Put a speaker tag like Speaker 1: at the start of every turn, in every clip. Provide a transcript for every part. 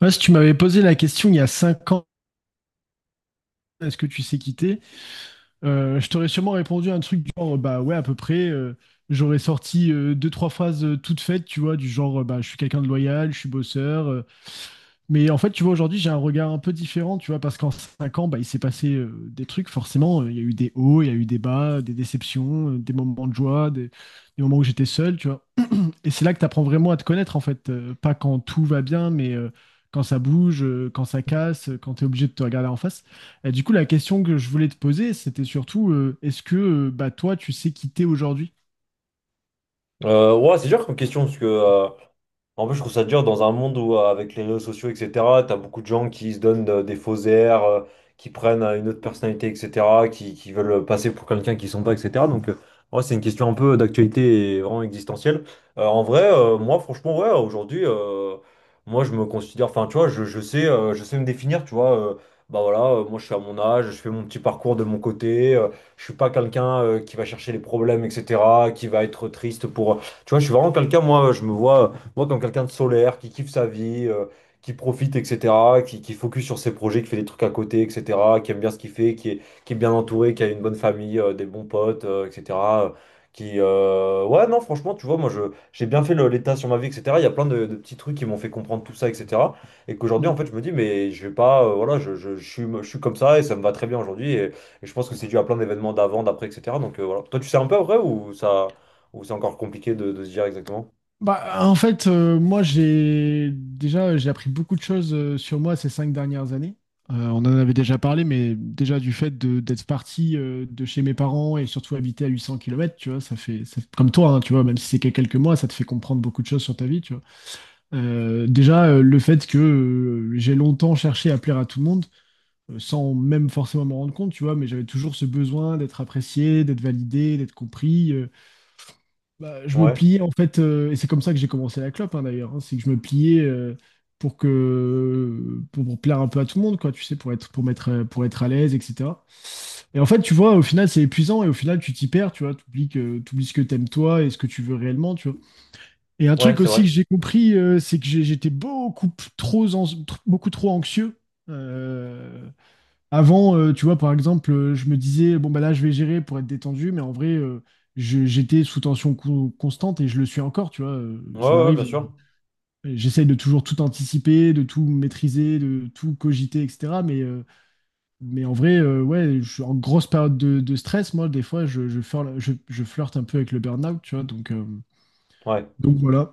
Speaker 1: Moi, si tu m'avais posé la question il y a 5 ans, est-ce que tu sais quitter, je t'aurais sûrement répondu à un truc du genre, bah ouais, à peu près. J'aurais sorti deux, trois phrases toutes faites, tu vois, du genre, bah, je suis quelqu'un de loyal, je suis bosseur. Mais en fait, tu vois, aujourd'hui, j'ai un regard un peu différent, tu vois, parce qu'en 5 ans, bah, il s'est passé des trucs, forcément. Il y a eu des hauts, il y a eu des bas, des déceptions, des moments de joie, des moments où j'étais seul, tu vois. Et c'est là que tu apprends vraiment à te connaître, en fait. Pas quand tout va bien, mais quand ça bouge, quand ça casse, quand tu es obligé de te regarder en face. Et du coup, la question que je voulais te poser, c'était surtout, est-ce que bah, toi, tu sais qui t'es aujourd'hui?
Speaker 2: Ouais, c'est dur comme question parce que en plus, je trouve ça dur dans un monde où, avec les réseaux sociaux, etc., t'as beaucoup de gens qui se donnent des faux airs, qui prennent une autre personnalité, etc., qui veulent passer pour quelqu'un qu'ils sont pas, etc. Donc, ouais, c'est une question un peu d'actualité et vraiment existentielle. En vrai, moi, franchement, ouais, aujourd'hui, moi, je me considère, enfin, tu vois, je sais, je sais me définir, tu vois. Bah voilà, moi, je suis à mon âge, je fais mon petit parcours de mon côté. Je suis pas quelqu'un qui va chercher les problèmes, etc., qui va être triste pour. Tu vois, je suis vraiment quelqu'un, moi, je me vois. Moi, comme quelqu'un de solaire, qui kiffe sa vie, qui profite, etc., qui focus sur ses projets, qui fait des trucs à côté, etc., qui aime bien ce qu'il fait, qui est bien entouré, qui a une bonne famille, des bons potes, etc. euh, Ouais, non, franchement, tu vois, moi, j'ai bien fait l'état sur ma vie, etc. Il y a plein de petits trucs qui m'ont fait comprendre tout ça, etc. Et qu'aujourd'hui, en
Speaker 1: Hmm.
Speaker 2: fait, je me dis, mais je vais pas, voilà, je suis comme ça et ça me va très bien aujourd'hui. Et je pense que c'est dû à plein d'événements d'avant, d'après, etc. Donc, voilà. Toi, tu sais un peu, vrai, ou ça, ou c'est encore compliqué de se dire exactement?
Speaker 1: Bah, en fait, moi, j'ai déjà j'ai appris beaucoup de choses sur moi ces 5 dernières années. On en avait déjà parlé, mais déjà du fait d'être parti de chez mes parents et surtout habiter à 800 km, tu vois, comme toi, hein, tu vois, même si c'est que quelques mois, ça te fait comprendre beaucoup de choses sur ta vie, tu vois. Déjà, le fait que j'ai longtemps cherché à plaire à tout le monde, sans même forcément m'en rendre compte, tu vois, mais j'avais toujours ce besoin d'être apprécié, d'être validé, d'être compris. Bah, je me
Speaker 2: Ouais.
Speaker 1: pliais en fait, et c'est comme ça que j'ai commencé la clope, hein, d'ailleurs, hein, c'est que je me pliais pour plaire un peu à tout le monde, quoi, tu sais, pour être à l'aise, etc. Et en fait, tu vois, au final, c'est épuisant et au final, tu t'y perds, tu vois, t'oublies ce que t'aimes toi et ce que tu veux réellement, tu vois. Et un
Speaker 2: Ouais,
Speaker 1: truc
Speaker 2: c'est
Speaker 1: aussi
Speaker 2: vrai.
Speaker 1: que j'ai compris, c'est que j'étais beaucoup p- trop, ans- tr- beaucoup trop anxieux. Euh, Avant, tu vois, par exemple, je me disais, bon, bah là, je vais gérer pour être détendu, mais en vrai, j'étais sous tension constante et je le suis encore, tu vois.
Speaker 2: Ouais,
Speaker 1: Ça
Speaker 2: ouais, bien
Speaker 1: m'arrive.
Speaker 2: sûr.
Speaker 1: J'essaye de toujours tout anticiper, de tout maîtriser, de tout cogiter, etc. Mais en vrai, ouais, je suis en grosse période de stress. Moi, des fois, je flirte un peu avec le burn-out, tu vois.
Speaker 2: Ouais.
Speaker 1: Donc voilà.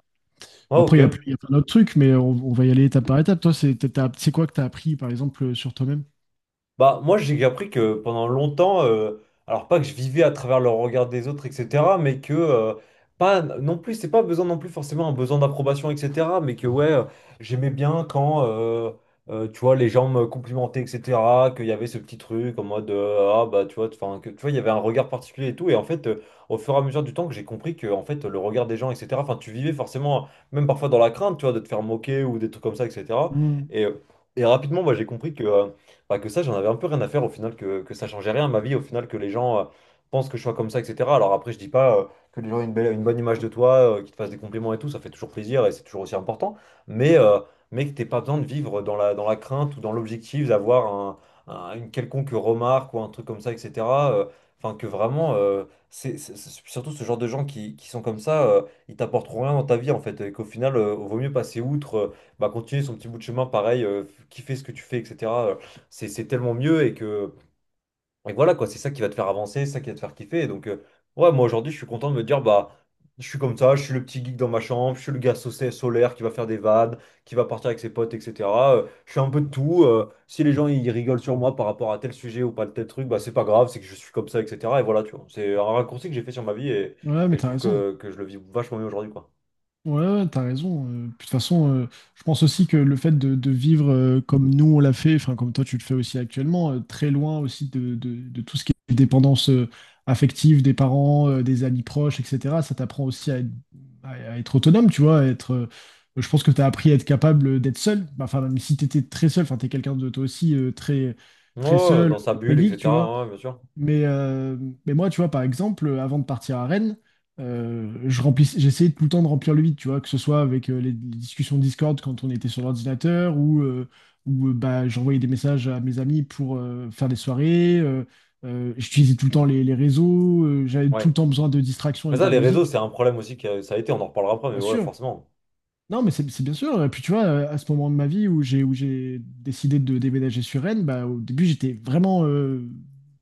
Speaker 2: Ouais,
Speaker 1: Après,
Speaker 2: ok.
Speaker 1: il y a plein d'autres trucs, mais on va y aller étape par étape. Toi, c'est quoi que tu as appris, par exemple, sur toi-même?
Speaker 2: Bah, moi, j'ai appris que pendant longtemps, alors pas que je vivais à travers le regard des autres, etc., mais que pas non plus, c'est pas besoin non plus forcément un besoin d'approbation, etc., mais que ouais, j'aimais bien quand, tu vois, les gens me complimentaient, etc., qu'il y avait ce petit truc en mode ah bah tu vois, enfin que tu vois, il y avait un regard particulier et tout, et en fait, au fur et à mesure du temps que j'ai compris que en fait le regard des gens, etc., enfin tu vivais forcément, même parfois dans la crainte, tu vois, de te faire moquer ou des trucs comme ça, etc.
Speaker 1: Hmm.
Speaker 2: Et, euh, et rapidement, moi, j'ai compris que bah, que ça, j'en avais un peu rien à faire au final, que ça changeait rien à ma vie, au final, que les gens pensent que je sois comme ça, etc. Alors après, je dis pas que les gens aient une belle, une bonne image de toi, qu'ils te fassent des compliments et tout, ça fait toujours plaisir et c'est toujours aussi important, mais, euh, mais que t'aies pas besoin de vivre dans la crainte ou dans l'objectif d'avoir une quelconque remarque ou un truc comme ça, etc. euh, Enfin, que vraiment, c'est surtout ce genre de gens qui sont comme ça, ils t'apporteront rien dans ta vie en fait, et qu'au final, vaut mieux passer outre, bah, continuer son petit bout de chemin pareil, kiffer ce que tu fais, etc. C'est tellement mieux et que et voilà quoi, c'est ça qui va te faire avancer, c'est ça qui va te faire kiffer. Et donc ouais, moi aujourd'hui, je suis content de me dire bah je suis comme ça, je suis le petit geek dans ma chambre, je suis le gars solaire qui va faire des vannes, qui va partir avec ses potes, etc. Je suis un peu de tout. Si les gens ils rigolent sur moi par rapport à tel sujet ou pas tel truc, bah c'est pas grave, c'est que je suis comme ça, etc. Et voilà, tu vois. C'est un raccourci que j'ai fait sur ma vie et,
Speaker 1: Ouais,
Speaker 2: et
Speaker 1: mais
Speaker 2: je
Speaker 1: t'as
Speaker 2: trouve
Speaker 1: raison.
Speaker 2: que je le vis vachement mieux aujourd'hui, quoi.
Speaker 1: Ouais, ouais, t'as raison. Puis de toute façon, je pense aussi que le fait de vivre comme nous on l'a fait, enfin comme toi tu le fais aussi actuellement, très loin aussi de tout ce qui est dépendance affective des parents, des amis proches, etc. Ça t'apprend aussi à être autonome, tu vois, à être. Je pense que t'as appris à être capable d'être seul. Bah, enfin, même si t'étais très seul, enfin t'es quelqu'un de toi aussi très très
Speaker 2: Ouais,
Speaker 1: seul,
Speaker 2: dans sa
Speaker 1: très
Speaker 2: bulle,
Speaker 1: geek, tu vois.
Speaker 2: etc. Ouais, bien sûr.
Speaker 1: Mais, euh, mais moi, tu vois, par exemple, avant de partir à Rennes, j'essayais tout le temps de remplir le vide, tu vois, que ce soit avec les discussions Discord quand on était sur l'ordinateur ou bah, j'envoyais des messages à mes amis pour faire des soirées. J'utilisais tout le temps les réseaux. J'avais tout
Speaker 2: Ouais.
Speaker 1: le temps besoin de distraction
Speaker 2: Mais
Speaker 1: avec de
Speaker 2: ça,
Speaker 1: la
Speaker 2: les
Speaker 1: musique,
Speaker 2: réseaux,
Speaker 1: tu vois,
Speaker 2: c'est un problème aussi que ça a été, on en reparlera après, mais
Speaker 1: bien
Speaker 2: ouais,
Speaker 1: sûr.
Speaker 2: forcément.
Speaker 1: Non, mais c'est bien sûr. Et puis tu vois, à ce moment de ma vie où j'ai décidé de déménager sur Rennes, bah, au début j'étais vraiment, euh,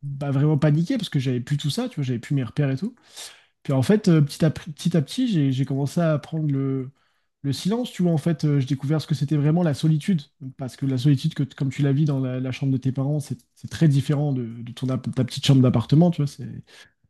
Speaker 1: bah, vraiment paniqué parce que j'avais plus tout ça, tu vois, j'avais plus mes repères et tout. Puis en fait, petit à petit, j'ai commencé à prendre le silence, tu vois. En fait, j'ai découvert ce que c'était vraiment la solitude. Parce que la solitude, comme tu la vis dans la chambre de tes parents, c'est très différent de ta petite chambre d'appartement, tu vois. C'est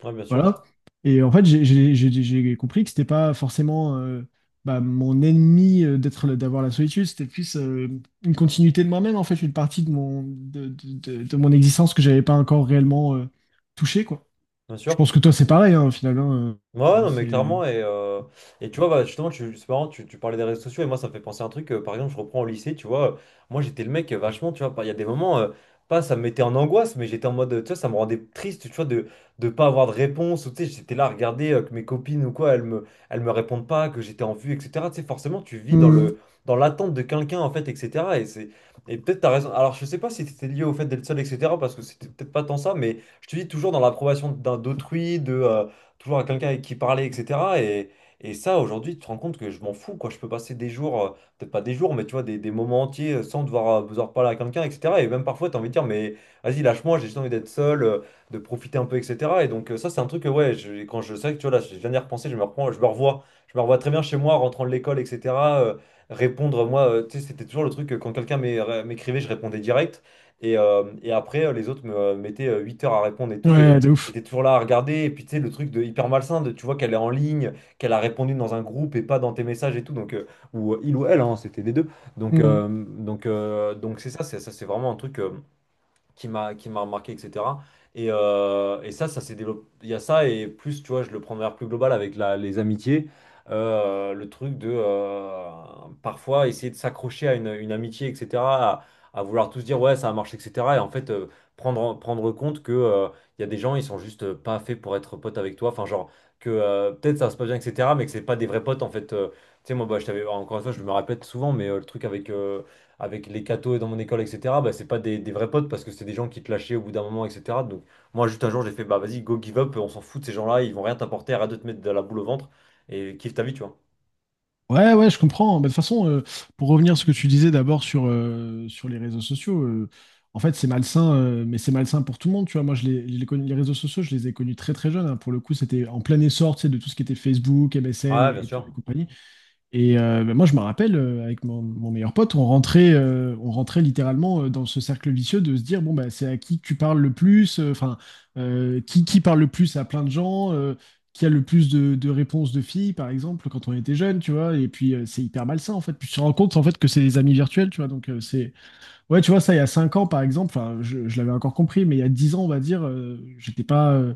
Speaker 2: Ouais, bien sûr.
Speaker 1: voilà. Et en fait, j'ai compris que c'était pas forcément bah, mon ennemi d'avoir la solitude, c'était plus une continuité de moi-même, en fait, une partie de mon existence que j'avais pas encore réellement touchée, quoi.
Speaker 2: Bien
Speaker 1: Je pense
Speaker 2: sûr.
Speaker 1: que toi, c'est pareil, hein, au final. Hein,
Speaker 2: Ouais, ouais, non, mais
Speaker 1: c'est...
Speaker 2: clairement, et tu vois, bah, justement, c'est marrant, tu parlais des réseaux sociaux, et moi, ça me fait penser à un truc, par exemple, je reprends au lycée, tu vois, moi, j'étais le mec vachement, tu vois, il y a des moments, pas ça me mettait en angoisse, mais j'étais en mode, tu vois, ça me rendait triste, tu vois, de pas avoir de réponse, ou tu sais, j'étais là à regarder que mes copines ou quoi, elles me répondent pas, que j'étais en vue, etc. Tu sais, forcément, tu vis dans
Speaker 1: Mm.
Speaker 2: dans l'attente de quelqu'un, en fait, etc. Et peut-être t'as raison, alors je sais pas si c'était lié au fait d'être seul, etc., parce que c'était peut-être pas tant ça, mais je te dis toujours dans l'approbation d'autrui, toujours à quelqu'un avec qui parler, etc. Et ça, aujourd'hui, tu te rends compte que je m'en fous, quoi. Je peux passer des jours, peut-être pas des jours, mais tu vois, des moments entiers sans devoir parler à quelqu'un, etc. Et même parfois, tu as envie de dire, mais vas-y, lâche-moi, j'ai juste envie d'être seul, de profiter un peu, etc. Et donc, ça, c'est un truc que, ouais, quand je sais que, tu vois, là, je viens d'y repenser, je me reprends, je me revois. Je me revois très bien chez moi, rentrant de l'école, etc. euh, Répondre, moi, tu sais, c'était toujours le truc que quand quelqu'un m'écrivait, je répondais direct. Et après, les autres me mettaient 8 heures à répondre et tout. et
Speaker 1: Ouais, de
Speaker 2: et
Speaker 1: ouf.
Speaker 2: t'es toujours là à regarder, et puis tu sais, le truc de hyper malsain, de, tu vois qu'elle est en ligne, qu'elle a répondu dans un groupe et pas dans tes messages et tout, donc, ou il ou elle, hein, c'était des deux. Donc,
Speaker 1: Mmh.
Speaker 2: euh, donc, euh, donc c'est ça, c'est ça, c'est vraiment un truc. Qui m'a marqué, etc. Et ça, ça s'est développé. Il y a ça, et plus, tu vois, je le prends de manière plus globale avec les amitiés. Le truc de parfois essayer de s'accrocher à une amitié, etc. À, à vouloir tous dire, ouais, ça a marché, etc. Et en fait, prendre compte que il y a des gens, ils sont juste pas faits pour être potes avec toi. Enfin, genre, que peut-être ça se passe bien, etc. Mais que c'est pas des vrais potes, en fait. Tu sais, moi, bah, je t'avais, encore une fois, je me répète souvent, mais le truc avec les cathos dans mon école, etc., bah, c'est pas des vrais potes parce que c'est des gens qui te lâchaient au bout d'un moment, etc. Donc, moi, juste un jour, j'ai fait, bah vas-y, go give up, on s'en fout de ces gens-là, ils vont rien t'apporter, arrête de te mettre de la boule au ventre et kiffe ta vie, tu vois.
Speaker 1: Ouais, ouais, je comprends. Bah, de toute façon, pour revenir à ce que tu disais d'abord sur les réseaux sociaux, en fait, c'est malsain, mais c'est malsain pour tout le monde. Tu vois, moi, les réseaux sociaux, je les ai connus très, très jeunes. Hein. Pour le coup, c'était en plein essor, tu sais, de tout ce qui était Facebook, MSN
Speaker 2: Ouais, bien
Speaker 1: et
Speaker 2: sûr.
Speaker 1: compagnie. Et bah, moi, je me rappelle, avec mon meilleur pote, on rentrait littéralement dans ce cercle vicieux de se dire, bon, bah, c'est à qui tu parles le plus, enfin, qui parle le plus à plein de gens, qui a le plus de réponses de filles, par exemple, quand on était jeune, tu vois, et puis c'est hyper malsain, en fait. Puis tu te rends compte, en fait, que c'est des amis virtuels, tu vois, donc c'est... Ouais, tu vois, ça, il y a 5 ans, par exemple, enfin, je l'avais encore compris, mais il y a 10 ans, on va dire,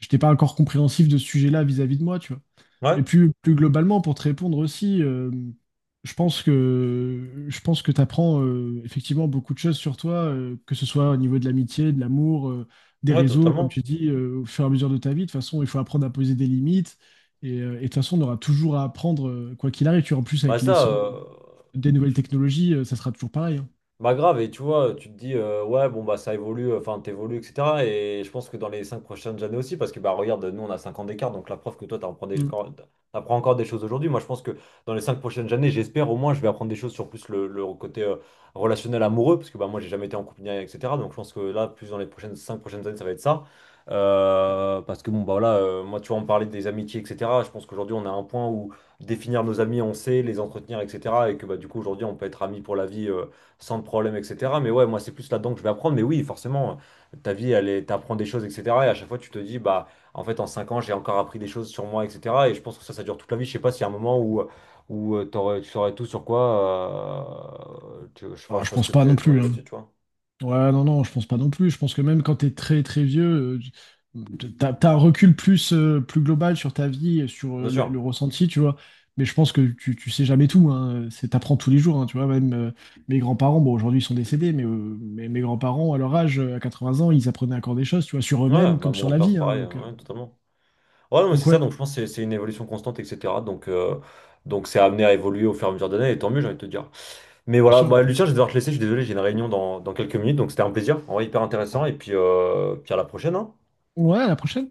Speaker 1: j'étais pas encore compréhensif de ce sujet-là vis-à-vis de moi, tu vois.
Speaker 2: Ouais,
Speaker 1: Et plus globalement, pour te répondre aussi, je pense que tu apprends effectivement beaucoup de choses sur toi, que ce soit au niveau de l'amitié, de l'amour, des
Speaker 2: ouais,
Speaker 1: réseaux, comme
Speaker 2: totalement.
Speaker 1: tu dis, au fur et à mesure de ta vie. De toute façon, il faut apprendre à poser des limites. Et de toute façon, on aura toujours à apprendre, quoi qu'il arrive. Tu vois, en plus,
Speaker 2: Bah,
Speaker 1: avec
Speaker 2: ça,
Speaker 1: l'essor
Speaker 2: euh,
Speaker 1: des nouvelles technologies, ça sera toujours pareil. Hein.
Speaker 2: Bah grave, et tu vois, tu te dis, ouais, bon, bah ça évolue, enfin, t'évolues, etc. Et je pense que dans les 5 prochaines années aussi, parce que, bah regarde, nous, on a 5 ans d'écart, donc la preuve que toi,
Speaker 1: Mm.
Speaker 2: t'apprends encore des choses aujourd'hui. Moi, je pense que dans les 5 prochaines années, j'espère au moins, je vais apprendre des choses sur plus le côté relationnel amoureux, parce que, bah moi, j'ai jamais été en couple, ni rien, etc. Donc, je pense que là, plus dans les prochaines 5 prochaines années, ça va être ça. Parce que, bon, bah voilà, moi, tu vois, on parlait des amitiés, etc. Je pense qu'aujourd'hui, on a un point où définir nos amis, on sait, les entretenir, etc. Et que, bah du coup, aujourd'hui, on peut être amis pour la vie. Sans problème, etc. Mais ouais, moi, c'est plus là-dedans que je vais apprendre. Mais oui, forcément, ta vie, t'apprends des choses, etc. Et à chaque fois, tu te dis, bah, en fait, en 5 ans, j'ai encore appris des choses sur moi, etc. Et je pense que ça dure toute la vie. Je sais pas s'il y a un moment où tu saurais tout sur quoi. Enfin,
Speaker 1: Alors,
Speaker 2: je
Speaker 1: je
Speaker 2: pense
Speaker 1: pense
Speaker 2: que
Speaker 1: pas non
Speaker 2: ton avis
Speaker 1: plus. Hein.
Speaker 2: là-dessus, tu vois.
Speaker 1: Ouais, non, non, je pense pas non plus. Je pense que même quand t'es très très vieux, euh, t'as un recul plus global sur ta vie et sur
Speaker 2: Bien
Speaker 1: le
Speaker 2: sûr.
Speaker 1: ressenti, tu vois. Mais je pense que tu sais jamais tout, hein. C'est, t'apprends tous les jours, hein, tu vois. Même mes, grands-parents, bon, aujourd'hui ils sont décédés, mais mes grands-parents, à leur âge, à 80 ans, ils apprenaient encore des choses, tu vois, sur
Speaker 2: Ouais,
Speaker 1: eux-mêmes
Speaker 2: bah,
Speaker 1: comme
Speaker 2: mon
Speaker 1: sur la
Speaker 2: grand-père, c'est
Speaker 1: vie, hein.
Speaker 2: pareil,
Speaker 1: donc,
Speaker 2: hein,
Speaker 1: euh,
Speaker 2: ouais, totalement. Ouais, non, mais c'est
Speaker 1: donc
Speaker 2: ça,
Speaker 1: ouais,
Speaker 2: donc je pense que c'est une évolution constante, etc. Donc c'est amené à évoluer au fur et à mesure des années, et tant mieux, j'ai envie de te dire. Mais
Speaker 1: bien
Speaker 2: voilà,
Speaker 1: sûr.
Speaker 2: bah, Lucien, je vais devoir te laisser, je suis désolé, j'ai une réunion dans quelques minutes, donc c'était un plaisir, en vrai, hyper intéressant, et puis à la prochaine, hein.
Speaker 1: Ouais, à la prochaine.